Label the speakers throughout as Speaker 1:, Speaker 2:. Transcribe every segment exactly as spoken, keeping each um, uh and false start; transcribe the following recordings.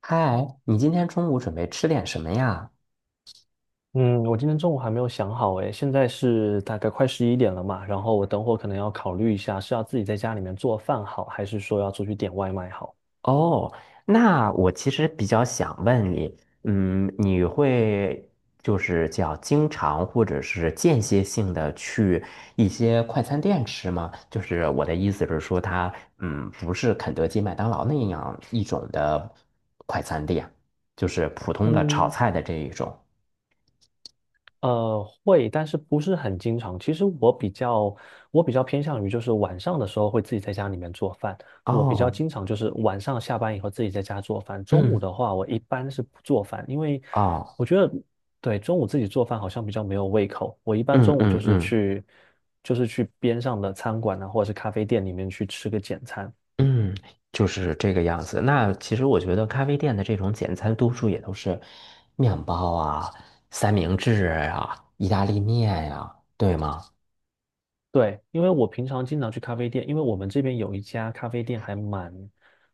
Speaker 1: 嗨，你今天中午准备吃点什么呀？
Speaker 2: 嗯，我今天中午还没有想好诶，现在是大概快十一点了嘛，然后我等会儿可能要考虑一下，是要自己在家里面做饭好，还是说要出去点外卖好？
Speaker 1: 哦，那我其实比较想问你，嗯，你会就是叫经常或者是间歇性的去一些快餐店吃吗？就是我的意思是说它，嗯，不是肯德基、麦当劳那样一种的快餐店，就是普通的炒菜的这一种。
Speaker 2: 呃，会，但是不是很经常。其实我比较，我比较偏向于就是晚上的时候会自己在家里面做饭。我比较
Speaker 1: 哦，
Speaker 2: 经常就是晚上下班以后自己在家做饭。中午
Speaker 1: 嗯，
Speaker 2: 的话，我一般是不做饭，因为
Speaker 1: 哦，
Speaker 2: 我觉得对中午自己做饭好像比较没有胃口。我一般
Speaker 1: 嗯
Speaker 2: 中午就
Speaker 1: 嗯
Speaker 2: 是
Speaker 1: 嗯。
Speaker 2: 去，就是去边上的餐馆啊，或者是咖啡店里面去吃个简餐。
Speaker 1: 嗯，就是这个样子。那其实我觉得咖啡店的这种简餐，多数也都是面包啊、三明治啊、意大利面呀、对吗？
Speaker 2: 对，因为我平常经常去咖啡店，因为我们这边有一家咖啡店还蛮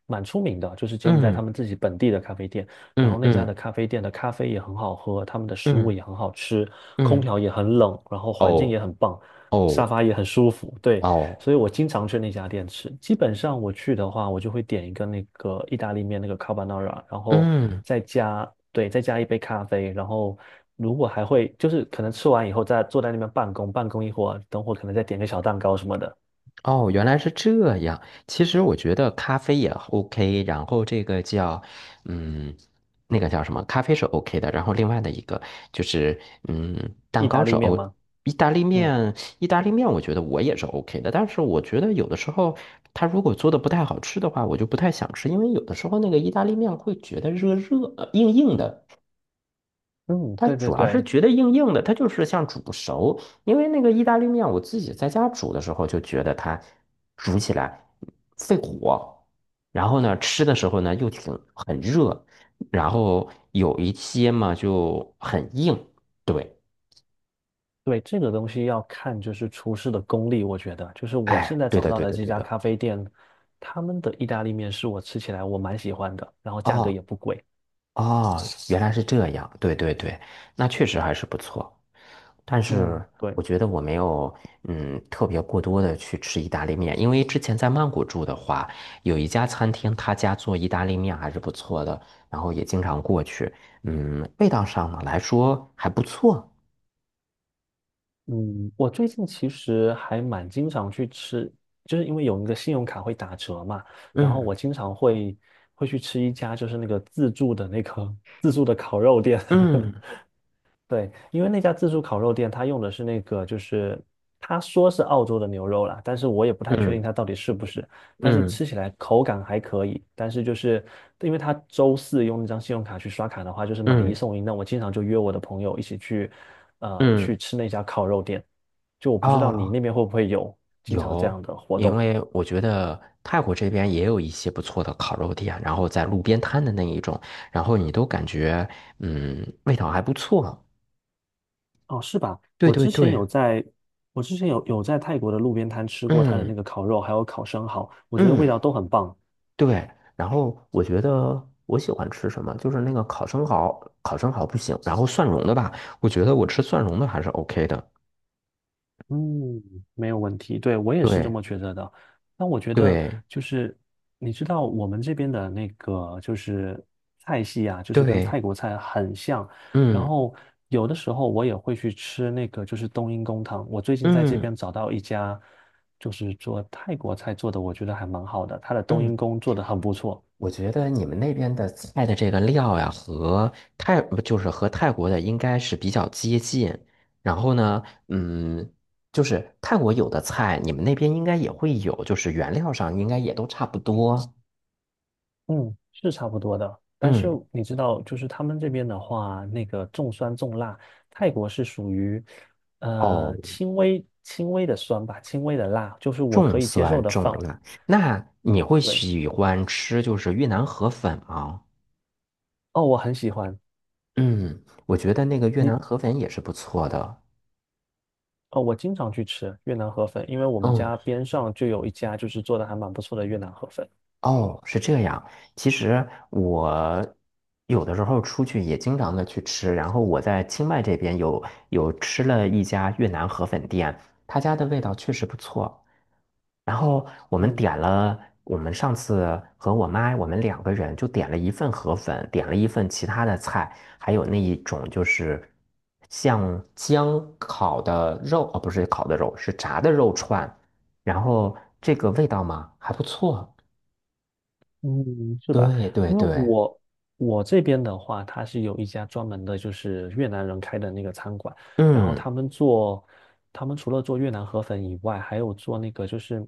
Speaker 2: 蛮出名的，就是柬埔寨他
Speaker 1: 嗯
Speaker 2: 们自己本地的咖啡店。然
Speaker 1: 嗯
Speaker 2: 后那家的
Speaker 1: 嗯
Speaker 2: 咖啡店的咖啡也很好喝，他们的食物
Speaker 1: 嗯
Speaker 2: 也很好吃，空
Speaker 1: 嗯，
Speaker 2: 调也很冷，然后环境
Speaker 1: 哦
Speaker 2: 也很棒，沙
Speaker 1: 哦
Speaker 2: 发也很舒服。对，
Speaker 1: 哦，
Speaker 2: 所以我经常去那家店吃。基本上我去的话，我就会点一个那个意大利面那个 carbonara，然后
Speaker 1: 嗯。
Speaker 2: 再加，对，再加一杯咖啡，然后如果还会就是可能吃完以后再坐在那边办公，办公一会儿，等会儿可能再点个小蛋糕什么的。
Speaker 1: 哦，原来是这样。其实我觉得咖啡也 OK，然后这个叫，嗯，那个叫什么？咖啡是 OK 的，然后另外的一个就是，嗯，
Speaker 2: 意
Speaker 1: 蛋
Speaker 2: 大
Speaker 1: 糕是
Speaker 2: 利面
Speaker 1: O，
Speaker 2: 吗？
Speaker 1: 意大利
Speaker 2: 嗯
Speaker 1: 面，意大利面我觉得我也是 OK 的，但是我觉得有的时候它如果做的不太好吃的话，我就不太想吃，因为有的时候那个意大利面会觉得热热，呃硬硬的。
Speaker 2: 嗯，
Speaker 1: 它
Speaker 2: 对对
Speaker 1: 主要是
Speaker 2: 对。
Speaker 1: 觉得硬硬的，它就是像煮不熟。因为那个意大利面，我自己在家煮的时候就觉得它煮起来费火，然后呢，吃的时候呢又挺很热，然后有一些嘛就很硬。对，
Speaker 2: 对，这个东西要看就是厨师的功力，我觉得就是我
Speaker 1: 哎，
Speaker 2: 现在
Speaker 1: 对
Speaker 2: 找
Speaker 1: 的，
Speaker 2: 到
Speaker 1: 对
Speaker 2: 的
Speaker 1: 的，
Speaker 2: 这
Speaker 1: 对
Speaker 2: 家
Speaker 1: 的。
Speaker 2: 咖啡店，他们的意大利面是我吃起来我蛮喜欢的，然后价格也不贵。
Speaker 1: 哦，原来是这样，对对对，那确实还是不错。但是
Speaker 2: 嗯，对。
Speaker 1: 我觉得我没有嗯特别过多的去吃意大利面，因为之前在曼谷住的话，有一家餐厅，他家做意大利面还是不错的，然后也经常过去，嗯，味道上呢来说还不错。
Speaker 2: 嗯，我最近其实还蛮经常去吃，就是因为有那个信用卡会打折嘛，然后
Speaker 1: 嗯
Speaker 2: 我经常会会去吃一家就是那个自助的那个 自助的烤肉店，
Speaker 1: 嗯
Speaker 2: 对，因为那家自助烤肉店，他用的是那个，就是他说是澳洲的牛肉啦，但是我也不太确定
Speaker 1: 嗯
Speaker 2: 它到底是不是。但是
Speaker 1: 嗯
Speaker 2: 吃起来口感还可以，但是就是因为他周四用那张信用卡去刷卡的话，就是买一
Speaker 1: 嗯
Speaker 2: 送一。那我经常就约我的朋友一起去，呃，去
Speaker 1: 嗯，
Speaker 2: 吃那家烤肉店。就我不知道你
Speaker 1: 啊。
Speaker 2: 那边会不会有经常这
Speaker 1: 有，
Speaker 2: 样的活
Speaker 1: 因
Speaker 2: 动
Speaker 1: 为我觉得泰国这边也有一些不错的烤肉店，然后在路边摊的那一种，然后你都感觉嗯味道还不错。
Speaker 2: 哦，是吧？
Speaker 1: 对
Speaker 2: 我
Speaker 1: 对
Speaker 2: 之前
Speaker 1: 对，
Speaker 2: 有在，我之前有有在泰国的路边摊吃过他的那
Speaker 1: 嗯
Speaker 2: 个烤肉，还有烤生蚝，我觉得味道
Speaker 1: 嗯
Speaker 2: 都很棒。
Speaker 1: 对。然后我觉得我喜欢吃什么，就是那个烤生蚝，烤生蚝不行，然后蒜蓉的吧，我觉得我吃蒜蓉的还是 OK 的。
Speaker 2: 嗯，没有问题，对，我也是这
Speaker 1: 对
Speaker 2: 么觉得的。那我觉得
Speaker 1: 对
Speaker 2: 就是，你知道我们这边的那个就是菜系啊，就是跟
Speaker 1: 对，
Speaker 2: 泰国菜很像。然
Speaker 1: 嗯
Speaker 2: 后有的时候我也会去吃那个就是冬阴功汤。我最近在这
Speaker 1: 嗯
Speaker 2: 边找到一家就是做泰国菜做的，我觉得还蛮好的，它的冬阴
Speaker 1: 嗯。
Speaker 2: 功做的很不错。
Speaker 1: 我觉得你们那边的菜的这个料呀，和泰不就是和泰国的应该是比较接近。然后呢，嗯，就是泰国有的菜，你们那边应该也会有，就是原料上应该也都差不多。
Speaker 2: 嗯，是差不多的。但是
Speaker 1: 嗯，
Speaker 2: 你知道，就是他们这边的话，那个重酸重辣，泰国是属于
Speaker 1: 哦，
Speaker 2: 呃轻微轻微的酸吧，轻微的辣，就是我可
Speaker 1: 重
Speaker 2: 以接受
Speaker 1: 酸
Speaker 2: 的
Speaker 1: 重
Speaker 2: 范围。
Speaker 1: 辣。那你会
Speaker 2: 对，
Speaker 1: 喜欢吃就是越南河粉吗？
Speaker 2: 哦，我很喜欢
Speaker 1: 嗯，我觉得那个越南
Speaker 2: 你
Speaker 1: 河粉也是不错的。
Speaker 2: 哦，我经常去吃越南河粉，因为我们
Speaker 1: 嗯。
Speaker 2: 家边上就有一家就是做的还蛮不错的越南河粉。
Speaker 1: 哦，是这样。其实我有的时候出去也经常的去吃，然后我在清迈这边有有吃了一家越南河粉店，他家的味道确实不错。然后我们
Speaker 2: 嗯。
Speaker 1: 点了，我们上次和我妈我们两个人就点了一份河粉，点了一份其他的菜，还有那一种就是像姜烤的肉，哦，不是烤的肉，是炸的肉串，然后这个味道嘛还不错。
Speaker 2: 嗯，是吧？
Speaker 1: 对对
Speaker 2: 因为
Speaker 1: 对，
Speaker 2: 我我这边的话，它是有一家专门的，就是越南人开的那个餐馆，然后
Speaker 1: 嗯
Speaker 2: 他们做，他们除了做越南河粉以外，还有做那个就是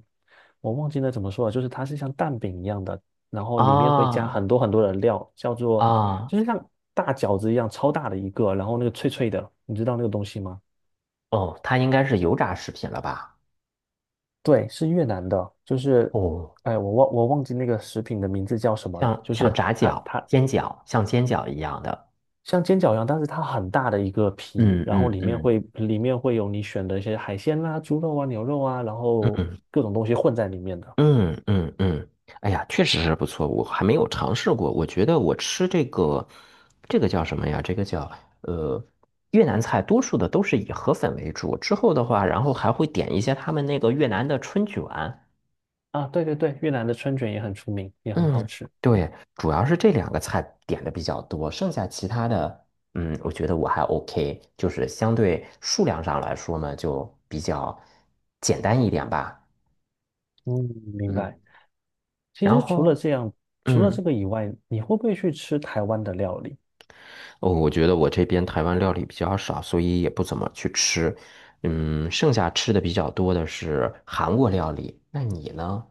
Speaker 2: 我忘记了怎么说了，就是它是像蛋饼一样的，然后里面会加
Speaker 1: 啊
Speaker 2: 很多很多的料，叫做
Speaker 1: 啊
Speaker 2: 就是像大饺子一样超大的一个，然后那个脆脆的，你知道那个东西吗？
Speaker 1: 哦，它应该是油炸食品了吧？
Speaker 2: 对，是越南的，就是，
Speaker 1: 哦，
Speaker 2: 哎，我忘我忘记那个食品的名字叫什么了，
Speaker 1: 像
Speaker 2: 就
Speaker 1: 像
Speaker 2: 是
Speaker 1: 炸
Speaker 2: 它
Speaker 1: 饺、
Speaker 2: 它
Speaker 1: 煎饺，像煎饺一样的。
Speaker 2: 像煎饺一样，但是它很大的一个皮，
Speaker 1: 嗯
Speaker 2: 然后
Speaker 1: 嗯
Speaker 2: 里面
Speaker 1: 嗯
Speaker 2: 会里面会有你选的一些海鲜啦、猪肉啊、牛肉啊，然后
Speaker 1: 嗯
Speaker 2: 各种东西混在里面的。
Speaker 1: 嗯嗯嗯，哎呀，确实是不错，我还没有尝试过。我觉得我吃这个，这个叫什么呀？这个叫呃越南菜，多数的都是以河粉为主。之后的话，然后还会点一些他们那个越南的春卷。
Speaker 2: 啊，对对对，越南的春卷也很出名，也很好
Speaker 1: 嗯，
Speaker 2: 吃。
Speaker 1: 对，主要是这两个菜点的比较多，剩下其他的，嗯，我觉得我还 OK，就是相对数量上来说呢，就比较简单一点吧。
Speaker 2: 嗯，明
Speaker 1: 嗯，
Speaker 2: 白。其
Speaker 1: 然
Speaker 2: 实除了
Speaker 1: 后，
Speaker 2: 这样，除了这
Speaker 1: 嗯，
Speaker 2: 个以外，你会不会去吃台湾的料理？
Speaker 1: 哦，我觉得我这边台湾料理比较少，所以也不怎么去吃。嗯，剩下吃的比较多的是韩国料理。那你呢？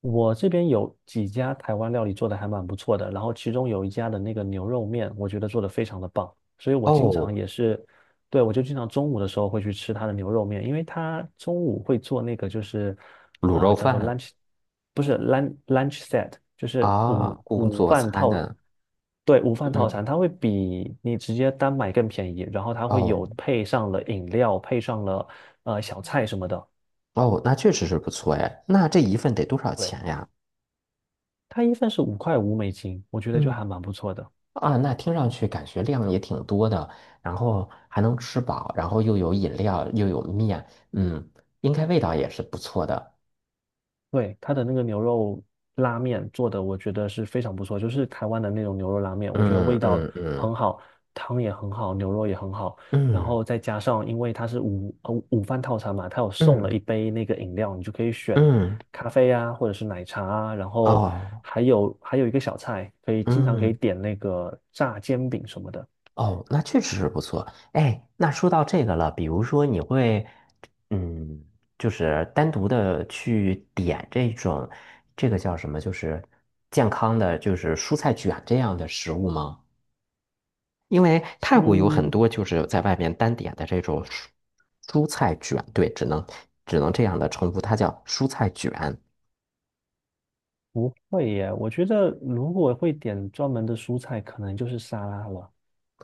Speaker 2: 我这边有几家台湾料理做的还蛮不错的，然后其中有一家的那个牛肉面，我觉得做的非常的棒，所以我经常
Speaker 1: 哦，
Speaker 2: 也是，对，我就经常中午的时候会去吃他的牛肉面，因为他中午会做那个就是
Speaker 1: 卤
Speaker 2: 啊、呃
Speaker 1: 肉
Speaker 2: 叫做
Speaker 1: 饭
Speaker 2: lunch，不是 lunch lunch set，就是
Speaker 1: 啊，
Speaker 2: 午
Speaker 1: 工
Speaker 2: 午
Speaker 1: 作
Speaker 2: 饭
Speaker 1: 餐
Speaker 2: 套，
Speaker 1: 的，
Speaker 2: 对，午饭套
Speaker 1: 嗯，
Speaker 2: 餐，它会比你直接单买更便宜，然后它会
Speaker 1: 哦。
Speaker 2: 有配上了饮料，配上了呃小菜什么的。
Speaker 1: 哦，那确实是不错哎。那这一份得多少
Speaker 2: 对。
Speaker 1: 钱呀？
Speaker 2: 它一份是五块五美金，我觉得就
Speaker 1: 嗯。
Speaker 2: 还蛮不错的。
Speaker 1: 啊，那听上去感觉量也挺多的，然后还能吃饱，然后又有饮料，又有面，嗯，应该味道也是不错的。
Speaker 2: 对，它的那个牛肉拉面做的，我觉得是非常不错，就是台湾的那种牛肉拉面，我觉得味
Speaker 1: 嗯
Speaker 2: 道
Speaker 1: 嗯嗯
Speaker 2: 很好，汤也很好，牛肉也很好，然
Speaker 1: 嗯
Speaker 2: 后再加上因为它是午呃午饭套餐嘛，它有送了
Speaker 1: 嗯
Speaker 2: 一杯那个饮料，你就可以选
Speaker 1: 嗯，
Speaker 2: 咖啡啊，或者是奶茶啊，然后
Speaker 1: 哦，
Speaker 2: 还有还有一个小菜，可以经常可以
Speaker 1: 嗯。
Speaker 2: 点那个炸煎饼什么的。
Speaker 1: 哦，那确实是不错。哎，那说到这个了，比如说你会，嗯，就是单独的去点这种，这个叫什么？就是健康的，就是蔬菜卷这样的食物吗？因为泰国有很
Speaker 2: 嗯，
Speaker 1: 多就是在外面单点的这种蔬蔬菜卷，对，只能只能这样的称呼，它叫蔬菜卷。
Speaker 2: 不会耶，我觉得如果会点专门的蔬菜，可能就是沙拉了。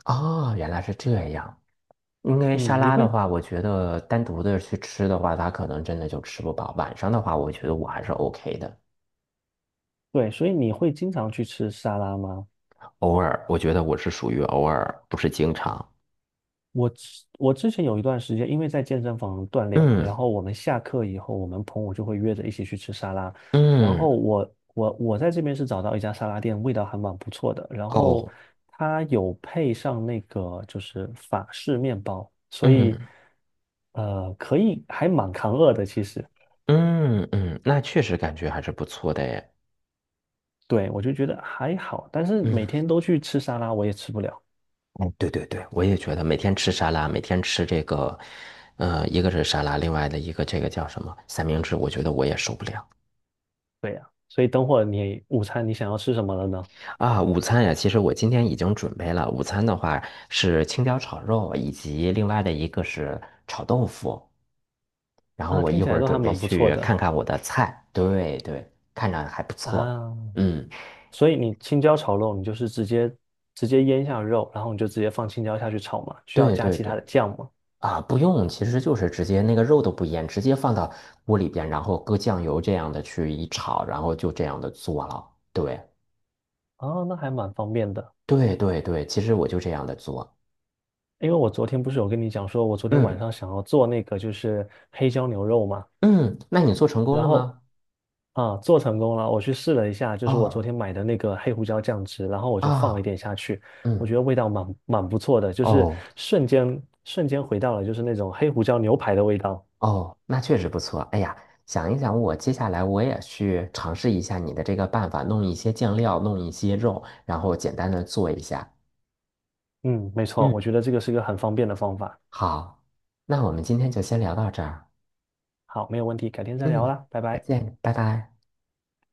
Speaker 1: 哦，原来是这样。因为沙
Speaker 2: 嗯，你
Speaker 1: 拉的
Speaker 2: 会，
Speaker 1: 话，我觉得单独的去吃的话，它可能真的就吃不饱。晚上的话，我觉得我还是 OK 的，
Speaker 2: 对，所以你会经常去吃沙拉吗？
Speaker 1: 偶尔，我觉得我是属于偶尔，不是经常。
Speaker 2: 我之我之前有一段时间，因为在健身房锻炼嘛，
Speaker 1: 嗯
Speaker 2: 然后我们下课以后，我们朋友就会约着一起去吃沙拉。然后
Speaker 1: 嗯
Speaker 2: 我我我在这边是找到一家沙拉店，味道还蛮不错的。然后
Speaker 1: 哦
Speaker 2: 它有配上那个就是法式面包，所以
Speaker 1: 嗯
Speaker 2: 呃可以还蛮扛饿的其实。
Speaker 1: 嗯嗯，那确实感觉还是不错的诶。
Speaker 2: 对，我就觉得还好，但是每
Speaker 1: 嗯，
Speaker 2: 天都去吃沙拉，我也吃不了。
Speaker 1: 嗯，对对对，我也觉得每天吃沙拉，每天吃这个，呃，一个是沙拉，另外的一个这个叫什么三明治，我觉得我也受不了。
Speaker 2: 对呀、所以等会儿你午餐你想要吃什么了呢？
Speaker 1: 啊，午餐呀，其实我今天已经准备了。午餐的话是青椒炒肉，以及另外的一个是炒豆腐。然后
Speaker 2: 啊，
Speaker 1: 我
Speaker 2: 听
Speaker 1: 一
Speaker 2: 起
Speaker 1: 会
Speaker 2: 来
Speaker 1: 儿
Speaker 2: 都还
Speaker 1: 准备
Speaker 2: 蛮不错
Speaker 1: 去看
Speaker 2: 的
Speaker 1: 看我的菜，对对，看着还不错。
Speaker 2: 啊。
Speaker 1: 嗯，
Speaker 2: 所以你青椒炒肉，你就是直接直接腌下肉，然后你就直接放青椒下去炒嘛，需要
Speaker 1: 对
Speaker 2: 加
Speaker 1: 对
Speaker 2: 其
Speaker 1: 对，
Speaker 2: 他的酱吗？
Speaker 1: 啊，不用，其实就是直接那个肉都不腌，直接放到锅里边，然后搁酱油这样的去一炒，然后就这样的做了。对
Speaker 2: 啊，那还蛮方便的。
Speaker 1: 对对对，其实我就这样的做。
Speaker 2: 因为我昨天不是有跟你讲说，我昨天晚
Speaker 1: 嗯
Speaker 2: 上想要做那个就是黑椒牛肉嘛，
Speaker 1: 嗯，那你做成功
Speaker 2: 然
Speaker 1: 了
Speaker 2: 后
Speaker 1: 吗？
Speaker 2: 啊，做成功了，我去试了一下，就是我昨
Speaker 1: 哦
Speaker 2: 天买的那个黑胡椒酱汁，然后我就放了一
Speaker 1: 啊，
Speaker 2: 点下去，我觉
Speaker 1: 嗯。
Speaker 2: 得味道蛮蛮不错的，就是
Speaker 1: 哦，
Speaker 2: 瞬间瞬间回到了就是那种黑胡椒牛排的味道。
Speaker 1: 哦，那确实不错。哎呀，想一想，我接下来我也去尝试一下你的这个办法，弄一些酱料，弄一些肉，然后简单的做一下。
Speaker 2: 嗯，没错，我
Speaker 1: 嗯，
Speaker 2: 觉得这个是个很方便的方法。
Speaker 1: 好，那我们今天就先聊到这儿。
Speaker 2: 好，没有问题，改天再聊
Speaker 1: 嗯，
Speaker 2: 啦，拜
Speaker 1: 再
Speaker 2: 拜。
Speaker 1: 见，拜拜。